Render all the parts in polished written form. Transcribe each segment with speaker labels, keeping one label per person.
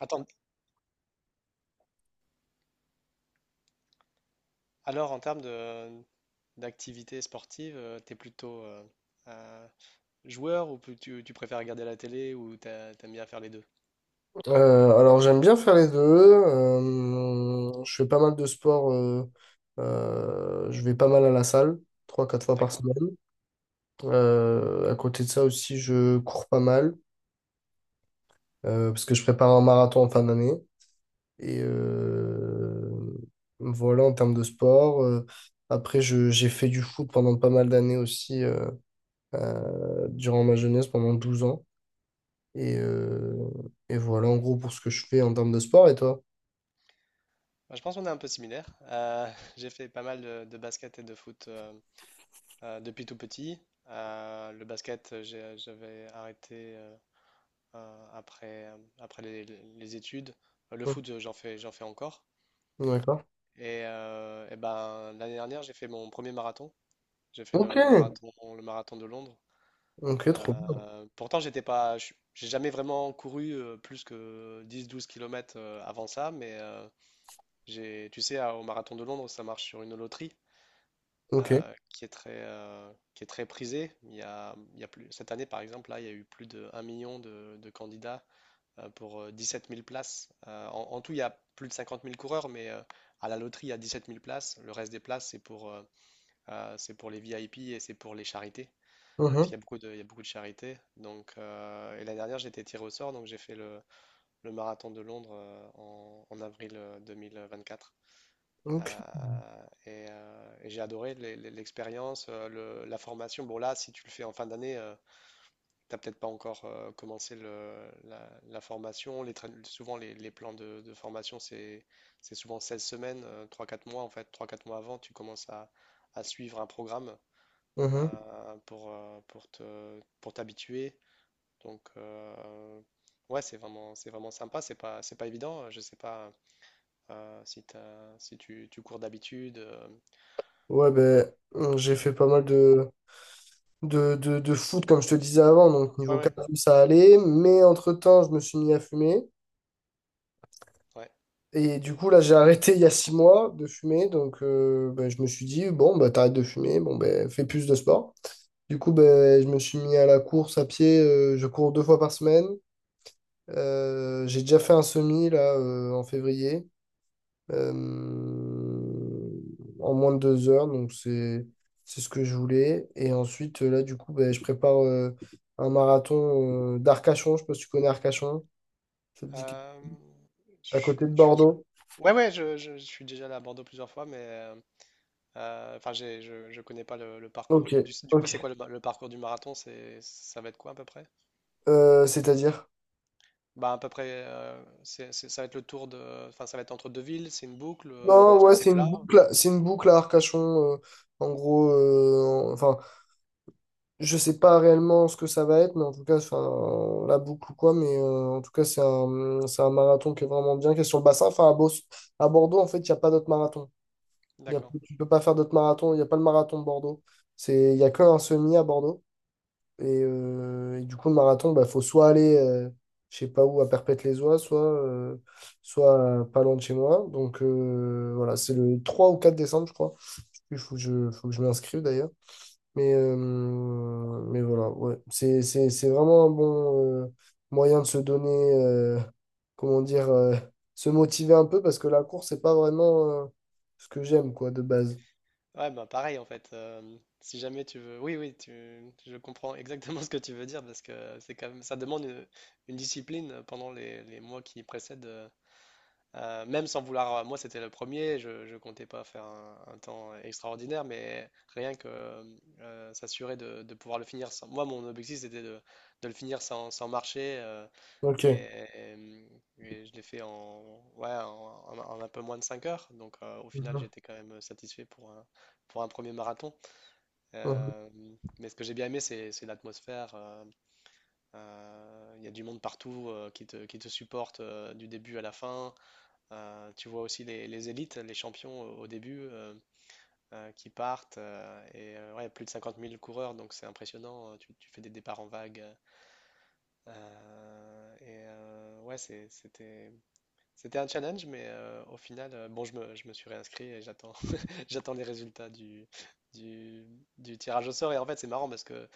Speaker 1: Attends, alors en termes de d'activité sportive, t'es plutôt euh, joueur ou tu préfères regarder la télé ou t'aimes bien faire les deux?
Speaker 2: Alors j'aime bien faire les deux. Je fais pas mal de sport. Je vais pas mal à la salle, 3 4 fois par
Speaker 1: D'accord.
Speaker 2: semaine. À côté de ça aussi, je cours pas mal parce que je prépare un marathon en fin d'année. Et voilà en termes de sport. Après, j'ai fait du foot pendant pas mal d'années aussi, durant ma jeunesse, pendant 12 ans. Et, euh, et voilà en gros pour ce que je fais en termes de sport. Et toi?
Speaker 1: Bah, je pense qu'on est un peu similaires. J'ai fait pas mal de basket et de foot depuis tout petit. Le basket, j'avais arrêté après, après les études. Le
Speaker 2: Hum.
Speaker 1: foot, j'en fais encore.
Speaker 2: D'accord.
Speaker 1: Et, eh ben, l'année dernière, j'ai fait mon premier marathon. J'ai fait
Speaker 2: Ok.
Speaker 1: le marathon de Londres.
Speaker 2: Ok, trop bien.
Speaker 1: Pourtant, j'étais pas, j'ai jamais vraiment couru plus que 10-12 km avant ça, mais tu sais, au marathon de Londres, ça marche sur une loterie
Speaker 2: Ok.
Speaker 1: qui est qui est très prisée. Il y a plus, cette année, par exemple, là, il y a eu plus de 1 000 000 de candidats pour 17 000 places. En tout, il y a plus de 50 000 coureurs, mais à la loterie, il y a 17 000 places. Le reste des places, c'est pour les VIP et c'est pour les charités parce qu'il
Speaker 2: Mhm.
Speaker 1: y a beaucoup il y a beaucoup de charité. Donc, et l'année dernière, j'ai été tiré au sort, donc j'ai fait le marathon de Londres en avril 2024.
Speaker 2: Ok.
Speaker 1: Et j'ai adoré l'expérience, la formation. Bon, là, si tu le fais en fin d'année, t'as peut-être pas encore commencé la formation. Souvent, les plans de formation, c'est souvent 16 semaines, trois quatre mois. En fait, trois quatre mois avant, tu commences à suivre un programme
Speaker 2: Mhm.
Speaker 1: pour te, pour t'habituer. Donc, ouais, c'est vraiment sympa. C'est pas évident. Je sais pas si si tu cours d'habitude.
Speaker 2: Ouais, ben, j'ai fait pas mal de foot, comme je te disais avant. Donc,
Speaker 1: Ouais,
Speaker 2: niveau cardio, ça allait. Mais entre-temps, je me suis mis à fumer.
Speaker 1: ouais.
Speaker 2: Et du coup, là, j'ai arrêté il y a 6 mois de fumer. Donc, ben, je me suis dit, bon, bah t'arrêtes de fumer. Bon, ben, fais plus de sport. Du coup, ben, je me suis mis à la course à pied. Je cours 2 fois par semaine. J'ai déjà fait un semi, là, en février. euh, en moins de 2 heures. Donc, c'est ce que je voulais. Et ensuite, là, du coup, ben, je prépare un marathon d'Arcachon. Je ne sais pas si tu connais Arcachon. Ça te dit quelque-
Speaker 1: Euh,
Speaker 2: À côté de
Speaker 1: je-
Speaker 2: Bordeaux.
Speaker 1: Ouais, je suis déjà allé à Bordeaux plusieurs fois, mais enfin, je connais pas le
Speaker 2: Ok,
Speaker 1: parcours. Du coup,
Speaker 2: ok.
Speaker 1: c'est quoi le parcours du marathon? C'est, ça va être quoi à peu près?
Speaker 2: C'est-à-dire?
Speaker 1: Bah, à peu près, ça va être le tour de, enfin, ça va être entre deux villes. C'est une boucle.
Speaker 2: Non,
Speaker 1: Est-ce que
Speaker 2: ouais,
Speaker 1: c'est
Speaker 2: c'est une
Speaker 1: plat?
Speaker 2: boucle, c'est une boucle à Arcachon. euh, en gros, enfin je sais pas réellement ce que ça va être, mais en tout cas, enfin, la boucle ou quoi, mais en tout cas, c'est un marathon qui est vraiment bien, qui est sur le bassin. Enfin, à Bordeaux, en fait, il n'y a pas d'autres marathons.
Speaker 1: D'accord.
Speaker 2: Tu peux pas faire d'autres marathons, il n'y a pas le marathon de Bordeaux. Il y a que un semi à Bordeaux. Et du coup, le marathon, bah, faut soit aller, je sais pas où, à Perpète-les-Oies, soit, soit pas loin de chez moi. Donc, voilà, c'est le 3 ou 4 décembre, je crois. Il faut que je m'inscrive d'ailleurs. Mais voilà, ouais. C'est vraiment un bon moyen de se donner, euh, comment dire, se motiver un peu parce que la course, c'est pas vraiment ce que j'aime, quoi, de base.
Speaker 1: Ouais, bah pareil en fait. Si jamais tu veux, oui, je comprends exactement ce que tu veux dire parce que c'est quand même, ça demande une discipline pendant les mois qui précèdent. Même sans vouloir, moi c'était le premier, ne comptais pas faire un temps extraordinaire, mais rien que s'assurer de pouvoir le finir sans. Moi, mon objectif c'était de le finir sans marcher.
Speaker 2: Ok.
Speaker 1: Et, et je l'ai fait ouais, en, en un peu moins de 5 heures. Donc au final,
Speaker 2: Mhm,
Speaker 1: j'étais quand même satisfait pour pour un premier marathon.
Speaker 2: mhm,
Speaker 1: Euh, mais ce que j'ai bien aimé, c'est l'atmosphère. Il y a du monde partout qui te supporte du début à la fin. Tu vois aussi les élites, les champions au début qui partent. Ouais, plus de 50 000 coureurs, donc c'est impressionnant. Euh, tu fais des départs en vague. Ouais, c'était c'était un challenge, mais au final, bon, je me suis réinscrit et j'attends, j'attends les résultats du, du tirage au sort. Et en fait, c'est marrant parce que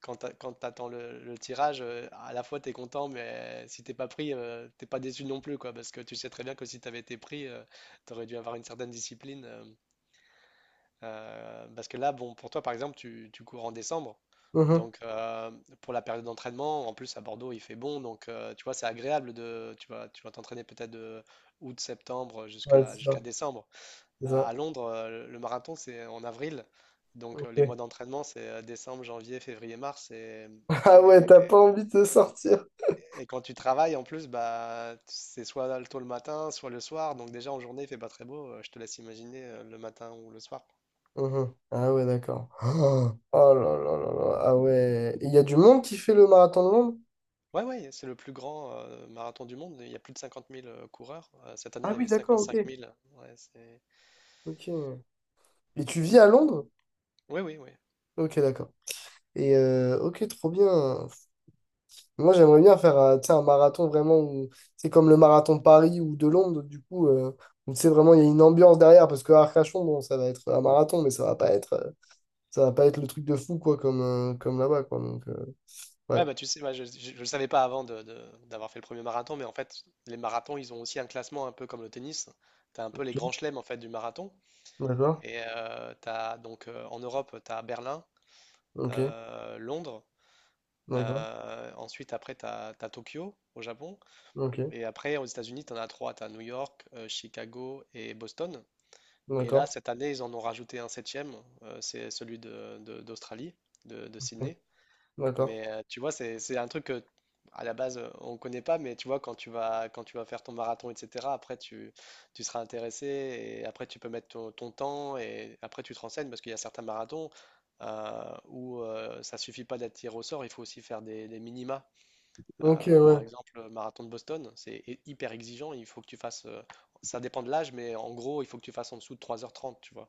Speaker 1: quand quand t'attends le tirage, à la fois t'es content, mais si t'es pas pris, t'es pas déçu non plus, quoi, parce que tu sais très bien que si t'avais été pris, tu t'aurais dû avoir une certaine discipline. Parce que là, bon, pour toi, par exemple, tu cours en décembre.
Speaker 2: mhm.
Speaker 1: Donc, pour la période d'entraînement, en plus à Bordeaux, il fait bon. Donc, tu vois, c'est agréable de. Tu vas t'entraîner peut-être de août, septembre
Speaker 2: Ouais, c'est
Speaker 1: jusqu'à
Speaker 2: ça.
Speaker 1: décembre.
Speaker 2: C'est ça.
Speaker 1: À Londres, le marathon, c'est en avril. Donc,
Speaker 2: Ok.
Speaker 1: les mois d'entraînement, c'est décembre, janvier, février, mars.
Speaker 2: Ah
Speaker 1: Et,
Speaker 2: ouais, t'as pas envie de sortir.
Speaker 1: et quand tu travailles, en plus, bah, c'est soit tôt le matin, soit le soir. Donc, déjà, en journée, il fait pas très beau. Je te laisse imaginer le matin ou le soir.
Speaker 2: Mhm. Ah ouais, d'accord. Oh oh là là là là. Ah ouais. Il y a du monde qui fait le marathon de Londres?
Speaker 1: Ouais, ouais, c'est le plus grand marathon du monde. Il y a plus de 50 000 coureurs. Cette année, il
Speaker 2: Ah
Speaker 1: y
Speaker 2: oui,
Speaker 1: avait
Speaker 2: d'accord, ok.
Speaker 1: 55 000. Ouais, c'est...
Speaker 2: Ok. Et tu vis à Londres?
Speaker 1: Oui, oui, oui.
Speaker 2: Ok, d'accord. Et ok, trop bien. Moi, j'aimerais bien faire tu sais, un marathon vraiment où c'est comme le marathon de Paris ou de Londres, du coup, où tu sais vraiment, il y a une ambiance derrière parce que Arcachon, bon, ça va être un marathon, mais ça va pas être, ça va pas être le truc de fou, quoi, comme là-bas, quoi. Donc,
Speaker 1: Ouais,
Speaker 2: ouais.
Speaker 1: bah tu sais, moi je ne le savais pas avant d'avoir fait le premier marathon, mais en fait, les marathons, ils ont aussi un classement un peu comme le tennis. Tu as un peu les
Speaker 2: Ok.
Speaker 1: grands chelems en fait, du marathon.
Speaker 2: D'accord.
Speaker 1: Et donc, en Europe, tu as Berlin,
Speaker 2: Ok.
Speaker 1: Londres.
Speaker 2: D'accord.
Speaker 1: Ensuite, après, tu as, Tokyo au Japon.
Speaker 2: Ok.
Speaker 1: Et après, aux États-Unis, tu en as trois. Tu as New York, Chicago et Boston. Et là,
Speaker 2: D'accord.
Speaker 1: cette année, ils en ont rajouté un septième, c'est celui d'Australie, de
Speaker 2: Ok.
Speaker 1: Sydney.
Speaker 2: D'accord.
Speaker 1: Mais tu vois, c'est un truc que, à la base, on ne connaît pas, mais tu vois, quand tu vas faire ton marathon, etc., après, tu seras intéressé, et après, tu peux mettre ton, ton temps, et après, tu te renseignes, parce qu'il y a certains marathons où ça suffit pas d'être tiré au sort, il faut aussi faire des minima.
Speaker 2: Ok, ouais.
Speaker 1: Par exemple, le marathon de Boston, c'est hyper exigeant, il faut que tu fasses, ça dépend de l'âge, mais en gros, il faut que tu fasses en dessous de 3h30, tu vois.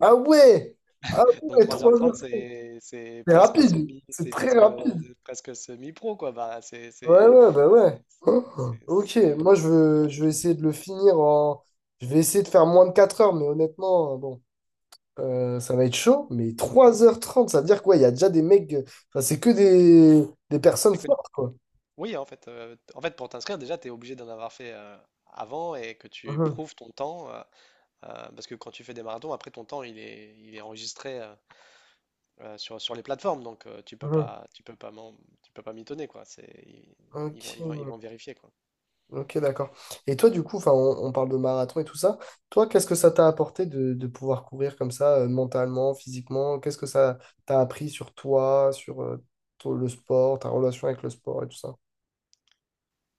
Speaker 2: Ah ouais! Ah
Speaker 1: Donc
Speaker 2: ouais, trois
Speaker 1: 3h30,
Speaker 2: heures.
Speaker 1: c'est
Speaker 2: C'est
Speaker 1: presque
Speaker 2: rapide.
Speaker 1: semi,
Speaker 2: C'est
Speaker 1: c'est
Speaker 2: très
Speaker 1: presque
Speaker 2: rapide.
Speaker 1: presque semi-pro quoi.
Speaker 2: Ouais, ouais, bah ouais.
Speaker 1: C'est
Speaker 2: Oh. Ok,
Speaker 1: c'est compliqué.
Speaker 2: je vais essayer de le finir en. Je vais essayer de faire moins de 4 heures, mais honnêtement, bon, ça va être chaud. Mais 3h30 ça veut dire quoi? Il y a déjà des mecs. Enfin, c'est que des personnes
Speaker 1: C'est que
Speaker 2: fortes, quoi.
Speaker 1: oui en fait pour t'inscrire déjà tu es obligé d'en avoir fait avant et que tu
Speaker 2: Mhm,
Speaker 1: prouves ton temps parce que quand tu fais des marathons après ton temps il est enregistré sur sur les plateformes donc
Speaker 2: mhm.
Speaker 1: tu peux pas tu peux pas mitonner quoi. Ils vont
Speaker 2: Ok,
Speaker 1: vérifier quoi.
Speaker 2: ok, d'accord. Et toi, du coup, enfin, on parle de marathon et tout ça. Toi, qu'est-ce que ça t'a apporté de pouvoir courir comme ça, mentalement, physiquement? Qu'est-ce que ça t'a appris sur toi, sur le sport, ta relation avec le sport et tout ça?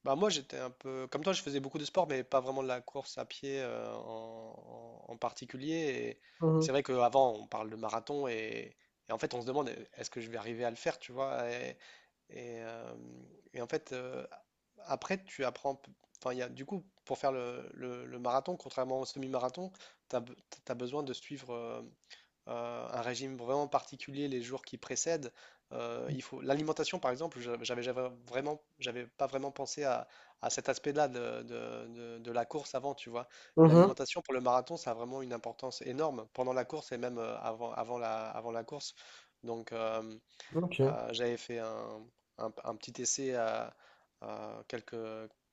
Speaker 1: Bah moi j'étais un peu comme toi, je faisais beaucoup de sport, mais pas vraiment de la course à pied en particulier. Et c'est vrai qu'avant on parle de marathon et en fait on se demande est-ce que je vais arriver à le faire, tu vois. Et, euh, et en fait après tu apprends, enfin il y a, du coup pour faire le marathon, contrairement au semi-marathon, tu as, besoin de suivre. Un régime vraiment particulier les jours qui précèdent. Il faut l'alimentation par exemple, j'avais vraiment, j'avais pas vraiment pensé à cet aspect-là de la course avant, tu vois. Mais
Speaker 2: Mhm,
Speaker 1: l'alimentation pour le marathon, ça a vraiment une importance énorme pendant la course et même avant avant la course. Donc,
Speaker 2: ok.
Speaker 1: j'avais fait un petit essai à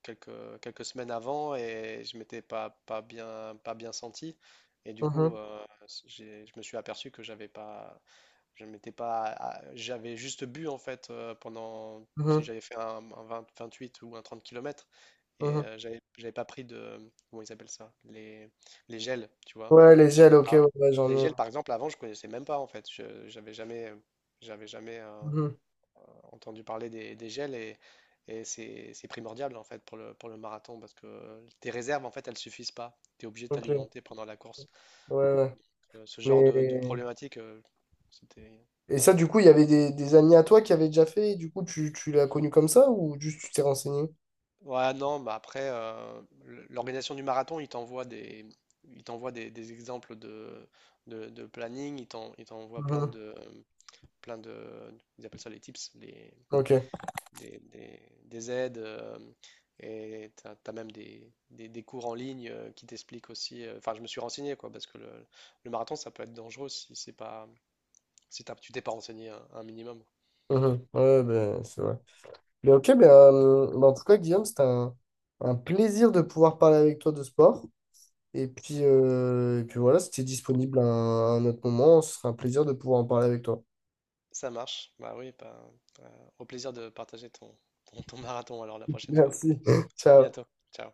Speaker 1: quelques, quelques semaines avant et je m'étais pas, pas bien senti. Et du coup,
Speaker 2: Mhm,
Speaker 1: je me suis aperçu que j'avais pas, je m'étais pas, j'avais juste bu en fait pendant, si
Speaker 2: mhm,
Speaker 1: j'avais fait un 28 ou un 30 kilomètres et
Speaker 2: mhm.
Speaker 1: j'avais pas pris de, comment ils appellent ça, les gels, tu vois.
Speaker 2: Ouais, les gels, ok,
Speaker 1: Ah.
Speaker 2: ouais, ouais, j'en
Speaker 1: Les
Speaker 2: ai
Speaker 1: gels,
Speaker 2: un.
Speaker 1: par exemple, avant, je connaissais même pas en fait. J'avais jamais.
Speaker 2: Mhm,
Speaker 1: Entendu parler des gels et c'est primordial en fait pour pour le marathon parce que tes réserves en fait elles suffisent pas. Tu es obligé de
Speaker 2: ok, ouais,
Speaker 1: t'alimenter pendant la course.
Speaker 2: ouais.
Speaker 1: Ce genre
Speaker 2: Mais.
Speaker 1: de problématique, c'était.
Speaker 2: Et ça, du coup, il y avait des amis à toi qui avaient déjà fait, et du coup, tu l'as connu comme ça ou juste tu t'es renseigné?
Speaker 1: Ouais, non, bah après, l'organisation du marathon, il t'envoie des exemples de, de planning, il t'envoie
Speaker 2: Mhm,
Speaker 1: plein de, ils appellent ça les tips, les,
Speaker 2: ok.
Speaker 1: des aides et tu as, même des cours en ligne qui t'expliquent aussi. Enfin, je me suis renseigné quoi, parce que le marathon ça peut être dangereux si c'est pas si tu t'es pas renseigné un minimum.
Speaker 2: Mhm, ouais, ben, c'est vrai. Mais ok, ben, en tout cas, Guillaume, c'était un plaisir de pouvoir parler avec toi de sport. Et puis voilà, si tu es disponible à un autre moment, ce serait un plaisir de pouvoir en parler avec toi.
Speaker 1: Ça marche, bah oui, bah, euh, au plaisir de partager ton marathon alors la prochaine fois.
Speaker 2: Merci.
Speaker 1: À bientôt,
Speaker 2: Ciao.
Speaker 1: ciao.